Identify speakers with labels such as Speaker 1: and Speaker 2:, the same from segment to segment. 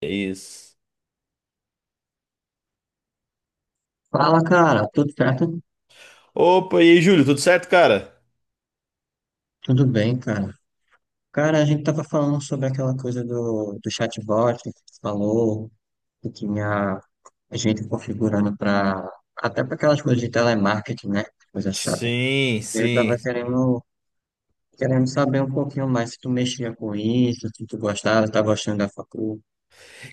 Speaker 1: É isso.
Speaker 2: Fala, cara, tudo certo?
Speaker 1: Opa, e aí, Júlio, tudo certo, cara?
Speaker 2: Tudo bem, cara. Cara, a gente tava falando sobre aquela coisa do chatbot que tu falou, que tinha a gente configurando para até para aquelas coisas de telemarketing, né? Coisa chata.
Speaker 1: Sim,
Speaker 2: Eu tava
Speaker 1: sim.
Speaker 2: querendo saber um pouquinho mais se tu mexia com isso, se tu gostava, tá gostando da facul.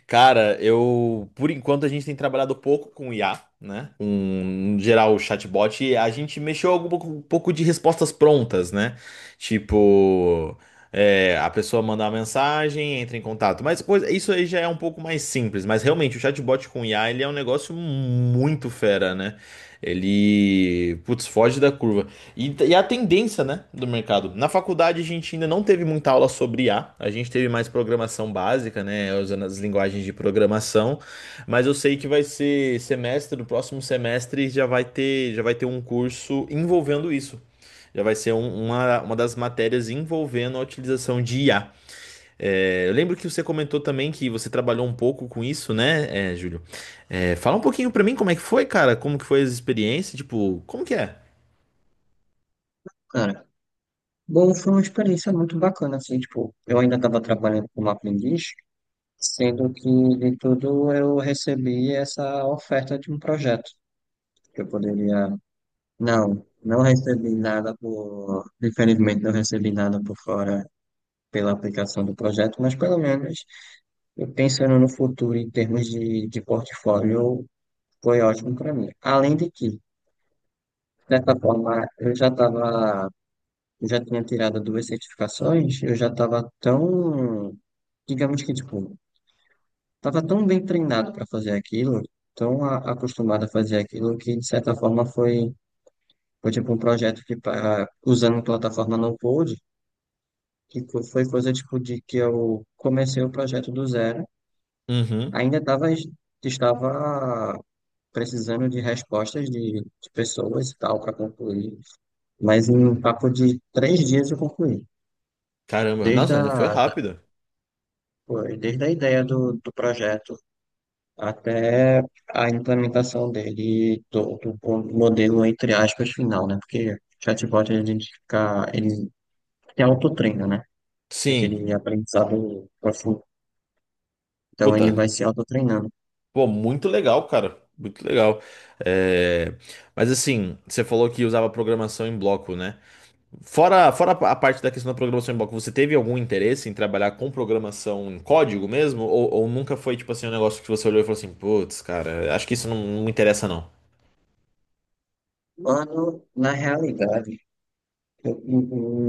Speaker 1: Cara, eu, por enquanto, a gente tem trabalhado pouco com IA, né? Com, no geral, o chatbot, e a gente mexeu um pouco de respostas prontas, né? Tipo, a pessoa manda uma mensagem, entra em contato. Mas coisa, isso aí já é um pouco mais simples, mas realmente, o chatbot com IA, ele é um negócio muito fera, né? Ele, putz, foge da curva. E a tendência, né, do mercado. Na faculdade a gente ainda não teve muita aula sobre IA, a gente teve mais programação básica, né, usando as linguagens de programação, mas eu sei que no próximo semestre já vai ter um curso envolvendo isso. Já vai ser um- uma das matérias envolvendo a utilização de IA. Eu lembro que você comentou também que você trabalhou um pouco com isso, né, Júlio? Fala um pouquinho pra mim como é que foi, cara, como que foi as experiências, tipo, como que é?
Speaker 2: Cara, bom, foi uma experiência muito bacana, assim, tipo, eu ainda tava trabalhando como aprendiz, sendo que de tudo eu recebi essa oferta de um projeto que eu poderia. Não, não recebi nada por. Infelizmente, não recebi nada por fora pela aplicação do projeto, mas pelo menos eu pensando no futuro em termos de portfólio, foi ótimo para mim. Além de que, de certa forma, eu já estava. Eu já tinha tirado duas certificações, eu já estava tão. Digamos que, tipo, estava tão bem treinado para fazer aquilo, tão acostumado a fazer aquilo, que de certa forma foi. Foi tipo um projeto que para usando plataforma no Code, que foi coisa tipo de que eu comecei o projeto do zero.
Speaker 1: Uhum.
Speaker 2: Ainda estava precisando de respostas de pessoas e tal para concluir, mas em um papo de 3 dias eu concluí.
Speaker 1: Caramba,
Speaker 2: Desde
Speaker 1: nossa,
Speaker 2: a,
Speaker 1: ainda foi
Speaker 2: da-
Speaker 1: rápido.
Speaker 2: Foi desde a ideia do projeto até a implementação dele, do modelo, entre aspas, final, né? Porque chatbot, a gente fica, ele tem autotreino, né?
Speaker 1: Sim,
Speaker 2: Aquele aprendizado profundo. Então ele
Speaker 1: puta,
Speaker 2: vai se autotreinando.
Speaker 1: pô, muito legal, cara, muito legal. É, Mas assim, você falou que usava programação em bloco, né? Fora a parte da questão da programação em bloco, você teve algum interesse em trabalhar com programação em código mesmo? Ou nunca foi, tipo assim, um negócio que você olhou e falou assim, putz, cara, acho que isso não, não me interessa, não.
Speaker 2: Quando, na realidade, eu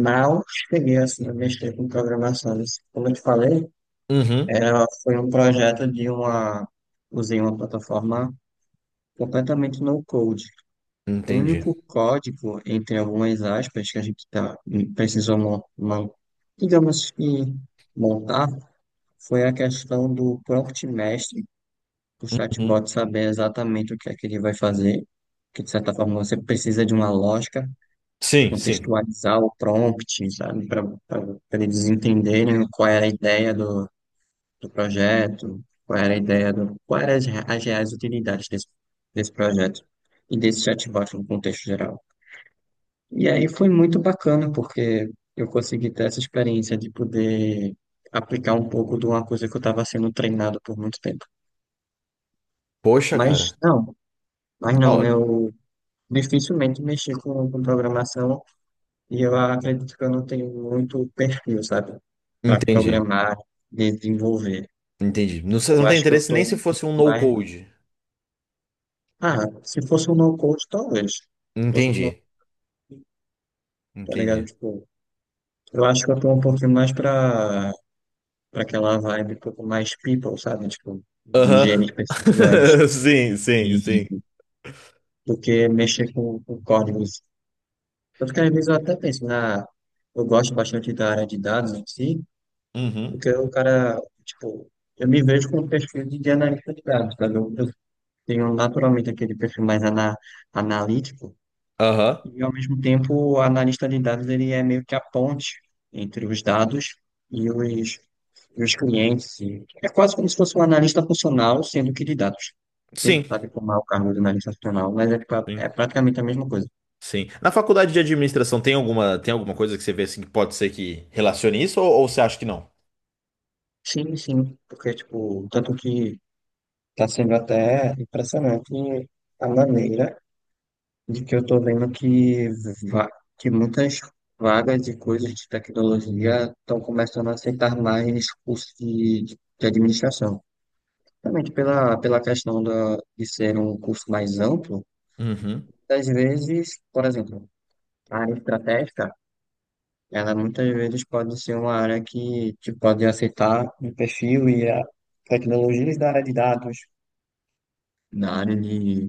Speaker 2: mal cheguei assim, a mexer com programação. Como eu te falei,
Speaker 1: Uhum,
Speaker 2: foi um projeto de usei uma plataforma completamente no code. O
Speaker 1: entendi.
Speaker 2: único código, entre algumas aspas, que a gente tá, precisou, digamos que, montar, foi a questão do prompt mestre o
Speaker 1: Uhum.
Speaker 2: chatbot saber exatamente o que é que ele vai fazer, que de certa forma você precisa de uma lógica,
Speaker 1: Sim, sim.
Speaker 2: contextualizar o prompt, sabe, para eles entenderem qual era a ideia do projeto, qual era a ideia do, qual eram as reais utilidades desse projeto e desse chatbot no contexto geral. E aí foi muito bacana, porque eu consegui ter essa experiência de poder aplicar um pouco de uma coisa que eu estava sendo treinado por muito tempo.
Speaker 1: Poxa, cara,
Speaker 2: Mas não, mas
Speaker 1: da
Speaker 2: não,
Speaker 1: hora.
Speaker 2: eu dificilmente mexi com programação e eu acredito que eu não tenho muito perfil, sabe? Para
Speaker 1: Entendi,
Speaker 2: programar, desenvolver.
Speaker 1: entendi. Não, você não
Speaker 2: Eu
Speaker 1: tem
Speaker 2: acho que eu
Speaker 1: interesse
Speaker 2: tô
Speaker 1: nem se
Speaker 2: um
Speaker 1: fosse
Speaker 2: pouco
Speaker 1: um
Speaker 2: mais.
Speaker 1: no-code.
Speaker 2: Ah, se fosse um no-code, talvez. Se fosse um no
Speaker 1: Entendi.
Speaker 2: tá ligado?
Speaker 1: Entendi.
Speaker 2: Tipo, eu acho que eu tô um pouquinho mais para aquela vibe um pouco mais people, sabe? Tipo, de
Speaker 1: Aham.
Speaker 2: gerir pessoas
Speaker 1: Sim, sim,
Speaker 2: e
Speaker 1: sim.
Speaker 2: do que mexer com códigos. Tanto que às vezes eu até penso na. Eu gosto bastante da área de dados em si.
Speaker 1: Uhum.
Speaker 2: Porque o cara, tipo, eu me vejo com um perfil de analista de dados, sabe? Eu tenho naturalmente aquele perfil mais analítico,
Speaker 1: Aham.
Speaker 2: e ao mesmo tempo o analista de dados ele é meio que a ponte entre os dados e os, e os clientes. E é quase como se fosse um analista funcional, sendo que de dados. Você
Speaker 1: Sim,
Speaker 2: sabe como é o cargo de analista funcional, mas é, pra-
Speaker 1: sim,
Speaker 2: é praticamente a mesma coisa.
Speaker 1: sim. Na faculdade de administração tem alguma coisa que você vê assim que pode ser que relacione isso ou você acha que não?
Speaker 2: Sim, sim, porque, tipo, tanto que está sendo até impressionante a maneira de que eu tô vendo va- que muitas vagas de coisas de tecnologia estão começando a aceitar mais cursos de administração. Realmente pela questão de ser um curso mais amplo,
Speaker 1: Uhum.
Speaker 2: às vezes, por exemplo, a área estratégica, ela muitas vezes pode ser uma área que te pode aceitar um perfil e a tecnologias da área de dados, na área de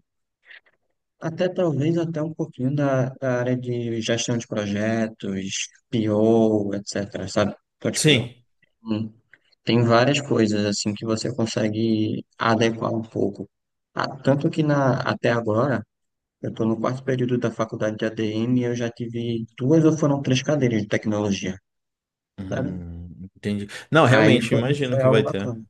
Speaker 2: Até talvez até um pouquinho da área de gestão de projetos, PO, etc, sabe? Então,
Speaker 1: Sim.
Speaker 2: tipo, hum, tem várias coisas assim que você consegue adequar um pouco. Ah, tanto que na, até agora, eu estou no quarto período da faculdade de ADM e eu já tive duas ou foram três cadeiras de tecnologia, sabe?
Speaker 1: Entendi. Não,
Speaker 2: Aí
Speaker 1: realmente,
Speaker 2: foi,
Speaker 1: imagino
Speaker 2: foi
Speaker 1: que
Speaker 2: algo
Speaker 1: vai ter.
Speaker 2: bacana.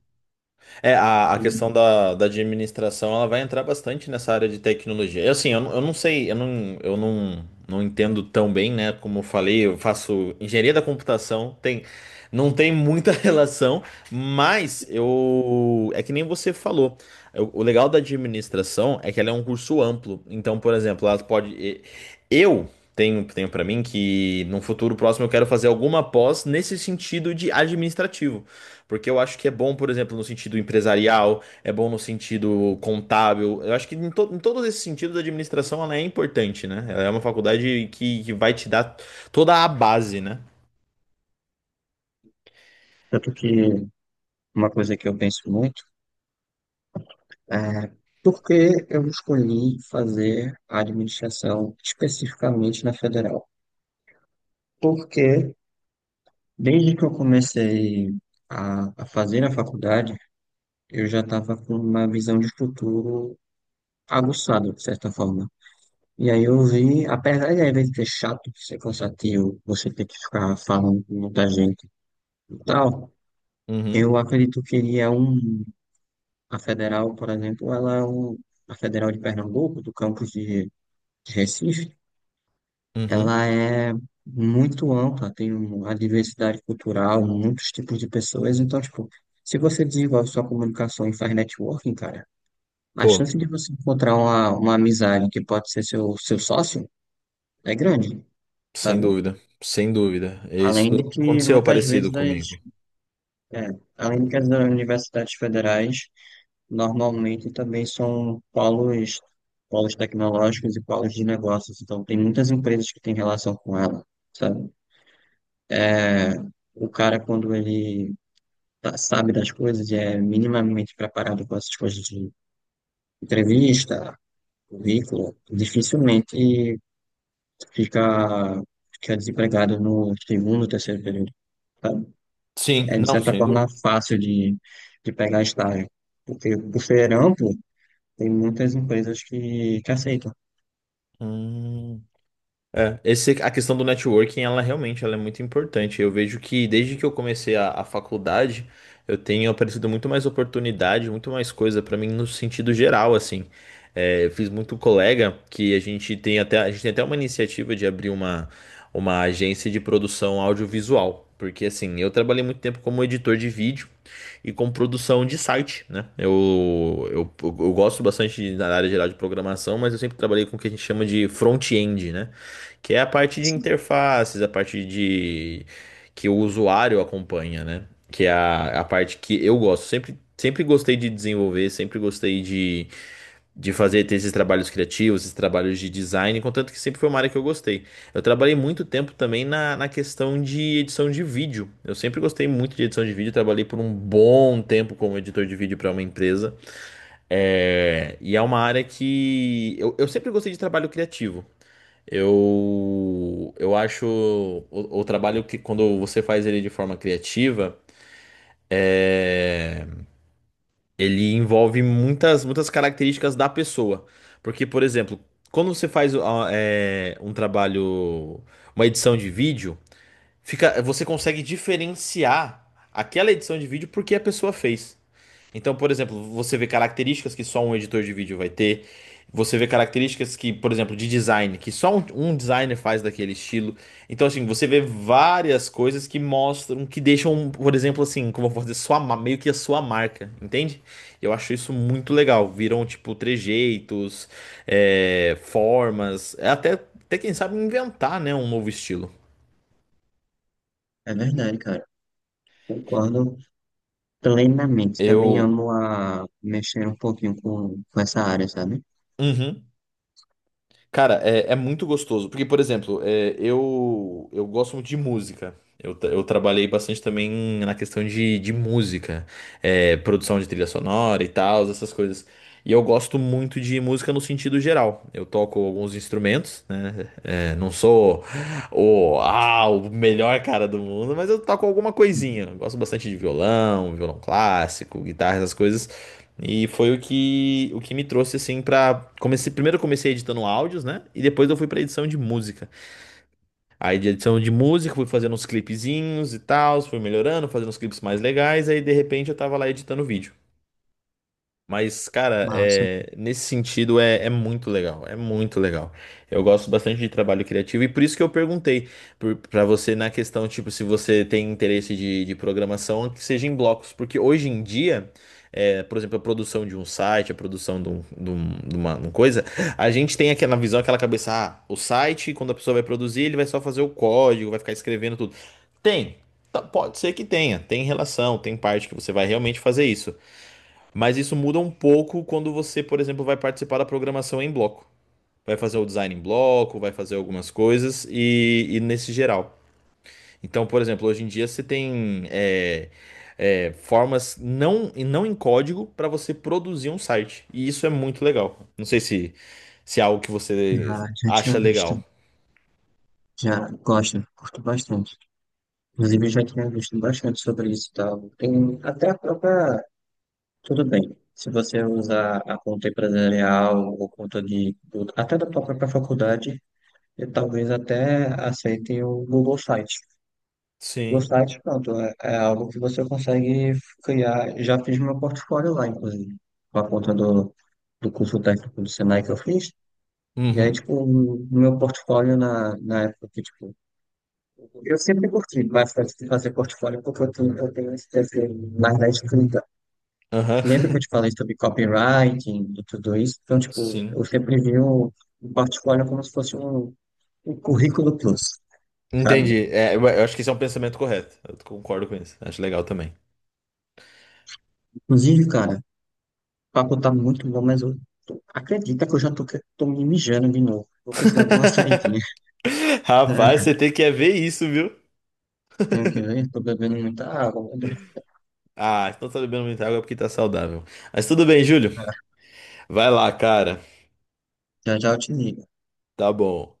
Speaker 1: É, a
Speaker 2: E
Speaker 1: questão da administração, ela vai entrar bastante nessa área de tecnologia. Assim, eu não sei, eu não, não entendo tão bem, né? Como eu falei, eu faço engenharia da computação, tem, não tem muita relação, mas eu, é que nem você falou. O legal da administração é que ela é um curso amplo. Então, por exemplo, eu tenho para mim que num futuro próximo eu quero fazer alguma pós nesse sentido de administrativo. Porque eu acho que é bom, por exemplo, no sentido empresarial, é bom no sentido contábil. Eu acho que em todos esses sentidos a administração ela é importante, né? Ela é uma faculdade que vai te dar toda a base, né?
Speaker 2: tanto que uma coisa que eu penso muito é, por que eu escolhi fazer a administração especificamente na federal? Porque desde que eu comecei a fazer a faculdade, eu já estava com uma visão de futuro aguçada, de certa forma. E aí eu vi, apesar de às vezes ser chato, ser cansativo, você ter que ficar falando com muita gente e tal,
Speaker 1: Uhum,
Speaker 2: eu acredito que ele é um. A federal, por exemplo, ela é um, a federal de Pernambuco, do campus de. De Recife,
Speaker 1: uhum.
Speaker 2: ela é muito ampla, tem uma diversidade cultural, muitos tipos de pessoas. Então, tipo, se você desenvolve sua comunicação e faz networking, cara, a
Speaker 1: Pô,
Speaker 2: chance de você encontrar uma amizade que pode ser seu sócio é grande,
Speaker 1: sem
Speaker 2: sabe?
Speaker 1: dúvida, sem dúvida. Isso
Speaker 2: Além de que
Speaker 1: aconteceu
Speaker 2: muitas
Speaker 1: parecido
Speaker 2: vezes, as,
Speaker 1: comigo.
Speaker 2: é, além de que as universidades federais normalmente também são polos tecnológicos e polos de negócios, então tem muitas empresas que têm relação com ela, sabe? O cara, quando ele tá- sabe das coisas, é minimamente preparado com essas coisas de entrevista, currículo, dificilmente fica, fica desempregado no segundo, terceiro período. Sabe?
Speaker 1: Sim,
Speaker 2: É, de
Speaker 1: não,
Speaker 2: certa
Speaker 1: sem
Speaker 2: forma,
Speaker 1: dúvida.
Speaker 2: fácil de pegar estágio. Porque por ser amplo, tem muitas empresas que aceitam.
Speaker 1: Hum. É, esse, a questão do networking, ela realmente ela é muito importante. Eu vejo que desde que eu comecei a faculdade, eu tenho aparecido muito mais oportunidade, muito mais coisa pra mim no sentido geral, assim. É, eu fiz muito colega que a gente tem até uma iniciativa de abrir uma agência de produção audiovisual. Porque assim, eu trabalhei muito tempo como editor de vídeo e com produção de site, né? Eu gosto bastante da área geral de programação, mas eu sempre trabalhei com o que a gente chama de front-end, né? Que é a parte de interfaces, a parte de que o usuário acompanha, né? Que é a parte que eu gosto. Sempre, sempre gostei de desenvolver, de fazer ter esses trabalhos criativos, esses trabalhos de design, contanto que sempre foi uma área que eu gostei. Eu trabalhei muito tempo também na questão de edição de vídeo. Eu sempre gostei muito de edição de vídeo, trabalhei por um bom tempo como editor de vídeo para uma empresa. É, e é uma área que eu sempre gostei de trabalho criativo. Eu acho o trabalho que quando você faz ele de forma criativa, ele envolve muitas características da pessoa. Porque, por exemplo, quando você faz um trabalho, uma edição de vídeo, fica, você consegue diferenciar aquela edição de vídeo porque a pessoa fez. Então, por exemplo, você vê características que só um editor de vídeo vai ter. Você vê características que, por exemplo, de design, que só um designer faz daquele estilo. Então, assim, você vê várias coisas que mostram, que deixam, por exemplo, assim, como eu vou dizer, meio que a sua marca, entende? Eu acho isso muito legal. Viram, tipo, trejeitos, formas, até quem sabe inventar, né, um novo estilo.
Speaker 2: É verdade, cara. Concordo plenamente. Também
Speaker 1: Eu
Speaker 2: amo a mexer um pouquinho com essa área, sabe?
Speaker 1: uhum. Cara, é muito gostoso. Porque, por exemplo, eu gosto muito de música. Eu trabalhei bastante também na questão de música, produção de trilha sonora e tal, essas coisas. E eu gosto muito de música no sentido geral. Eu toco alguns instrumentos, né? É, não sou o melhor cara do mundo, mas eu toco alguma
Speaker 2: Uhum.
Speaker 1: coisinha. Eu gosto bastante de violão, violão clássico, guitarra, essas coisas. E foi o que me trouxe assim pra. Comecei, primeiro eu comecei editando áudios, né? E depois eu fui pra edição de música. Aí de edição de música fui fazendo uns clipezinhos e tal, fui melhorando, fazendo uns clipes mais legais, aí de repente eu tava lá editando vídeo. Mas, cara,
Speaker 2: Massa.
Speaker 1: nesse sentido é muito legal, é muito legal. Eu gosto bastante de trabalho criativo e por isso que eu perguntei pra você na questão, tipo, se você tem interesse de programação, que seja em blocos, porque hoje em dia, por exemplo, a produção de um site, a produção de, um- de um- de uma coisa, a gente tem aquela visão, aquela cabeça, ah, o site, quando a pessoa vai produzir, ele vai só fazer o código, vai ficar escrevendo tudo. Tem, pode ser que tenha, tem relação, tem parte que você vai realmente fazer isso. Mas isso muda um pouco quando você, por exemplo, vai participar da programação em bloco. Vai fazer o design em bloco, vai fazer algumas coisas e nesse geral. Então, por exemplo, hoje em dia você tem formas não em código para você produzir um site. E isso é muito legal. Não sei se, se é algo que você
Speaker 2: Ah, já
Speaker 1: acha
Speaker 2: tinha visto.
Speaker 1: legal.
Speaker 2: Já gosto, curto bastante. Inclusive, eu já tinha visto bastante sobre isso e tal. Tem até a própria. Tudo bem. Se você usar a conta empresarial ou conta de. Do- Até da tua própria faculdade, eu talvez até aceitem o Google Site. O Google
Speaker 1: Sim.
Speaker 2: Site, pronto, é, é algo que você consegue criar. Já fiz meu portfólio lá, inclusive, com a conta do curso técnico do Senai que eu fiz. E aí,
Speaker 1: Uhum.
Speaker 2: tipo, o meu portfólio na época que, tipo, eu sempre curti bastante de fazer portfólio porque eu tenho esse desejo mais da escrita.
Speaker 1: Aham.
Speaker 2: Lembra que eu te falei sobre copywriting e tudo isso? Então, tipo, eu
Speaker 1: Sim.
Speaker 2: sempre vi o portfólio como se fosse um, um currículo plus, sabe?
Speaker 1: Entendi. É, eu acho que esse é um pensamento correto. Eu concordo com isso. Acho legal também.
Speaker 2: Inclusive, cara, o papo tá muito bom, mas eu tô- acredita que eu já tô, que- tô me mijando de novo. Vou precisar dar uma saidinha.
Speaker 1: Rapaz, você tem que é ver isso, viu?
Speaker 2: Tenho que ver, tô bebendo muita água, né?
Speaker 1: Ah, então tá bebendo muita água porque tá saudável. Mas tudo bem, Júlio. Vai lá, cara.
Speaker 2: Já já eu te ligo.
Speaker 1: Tá bom.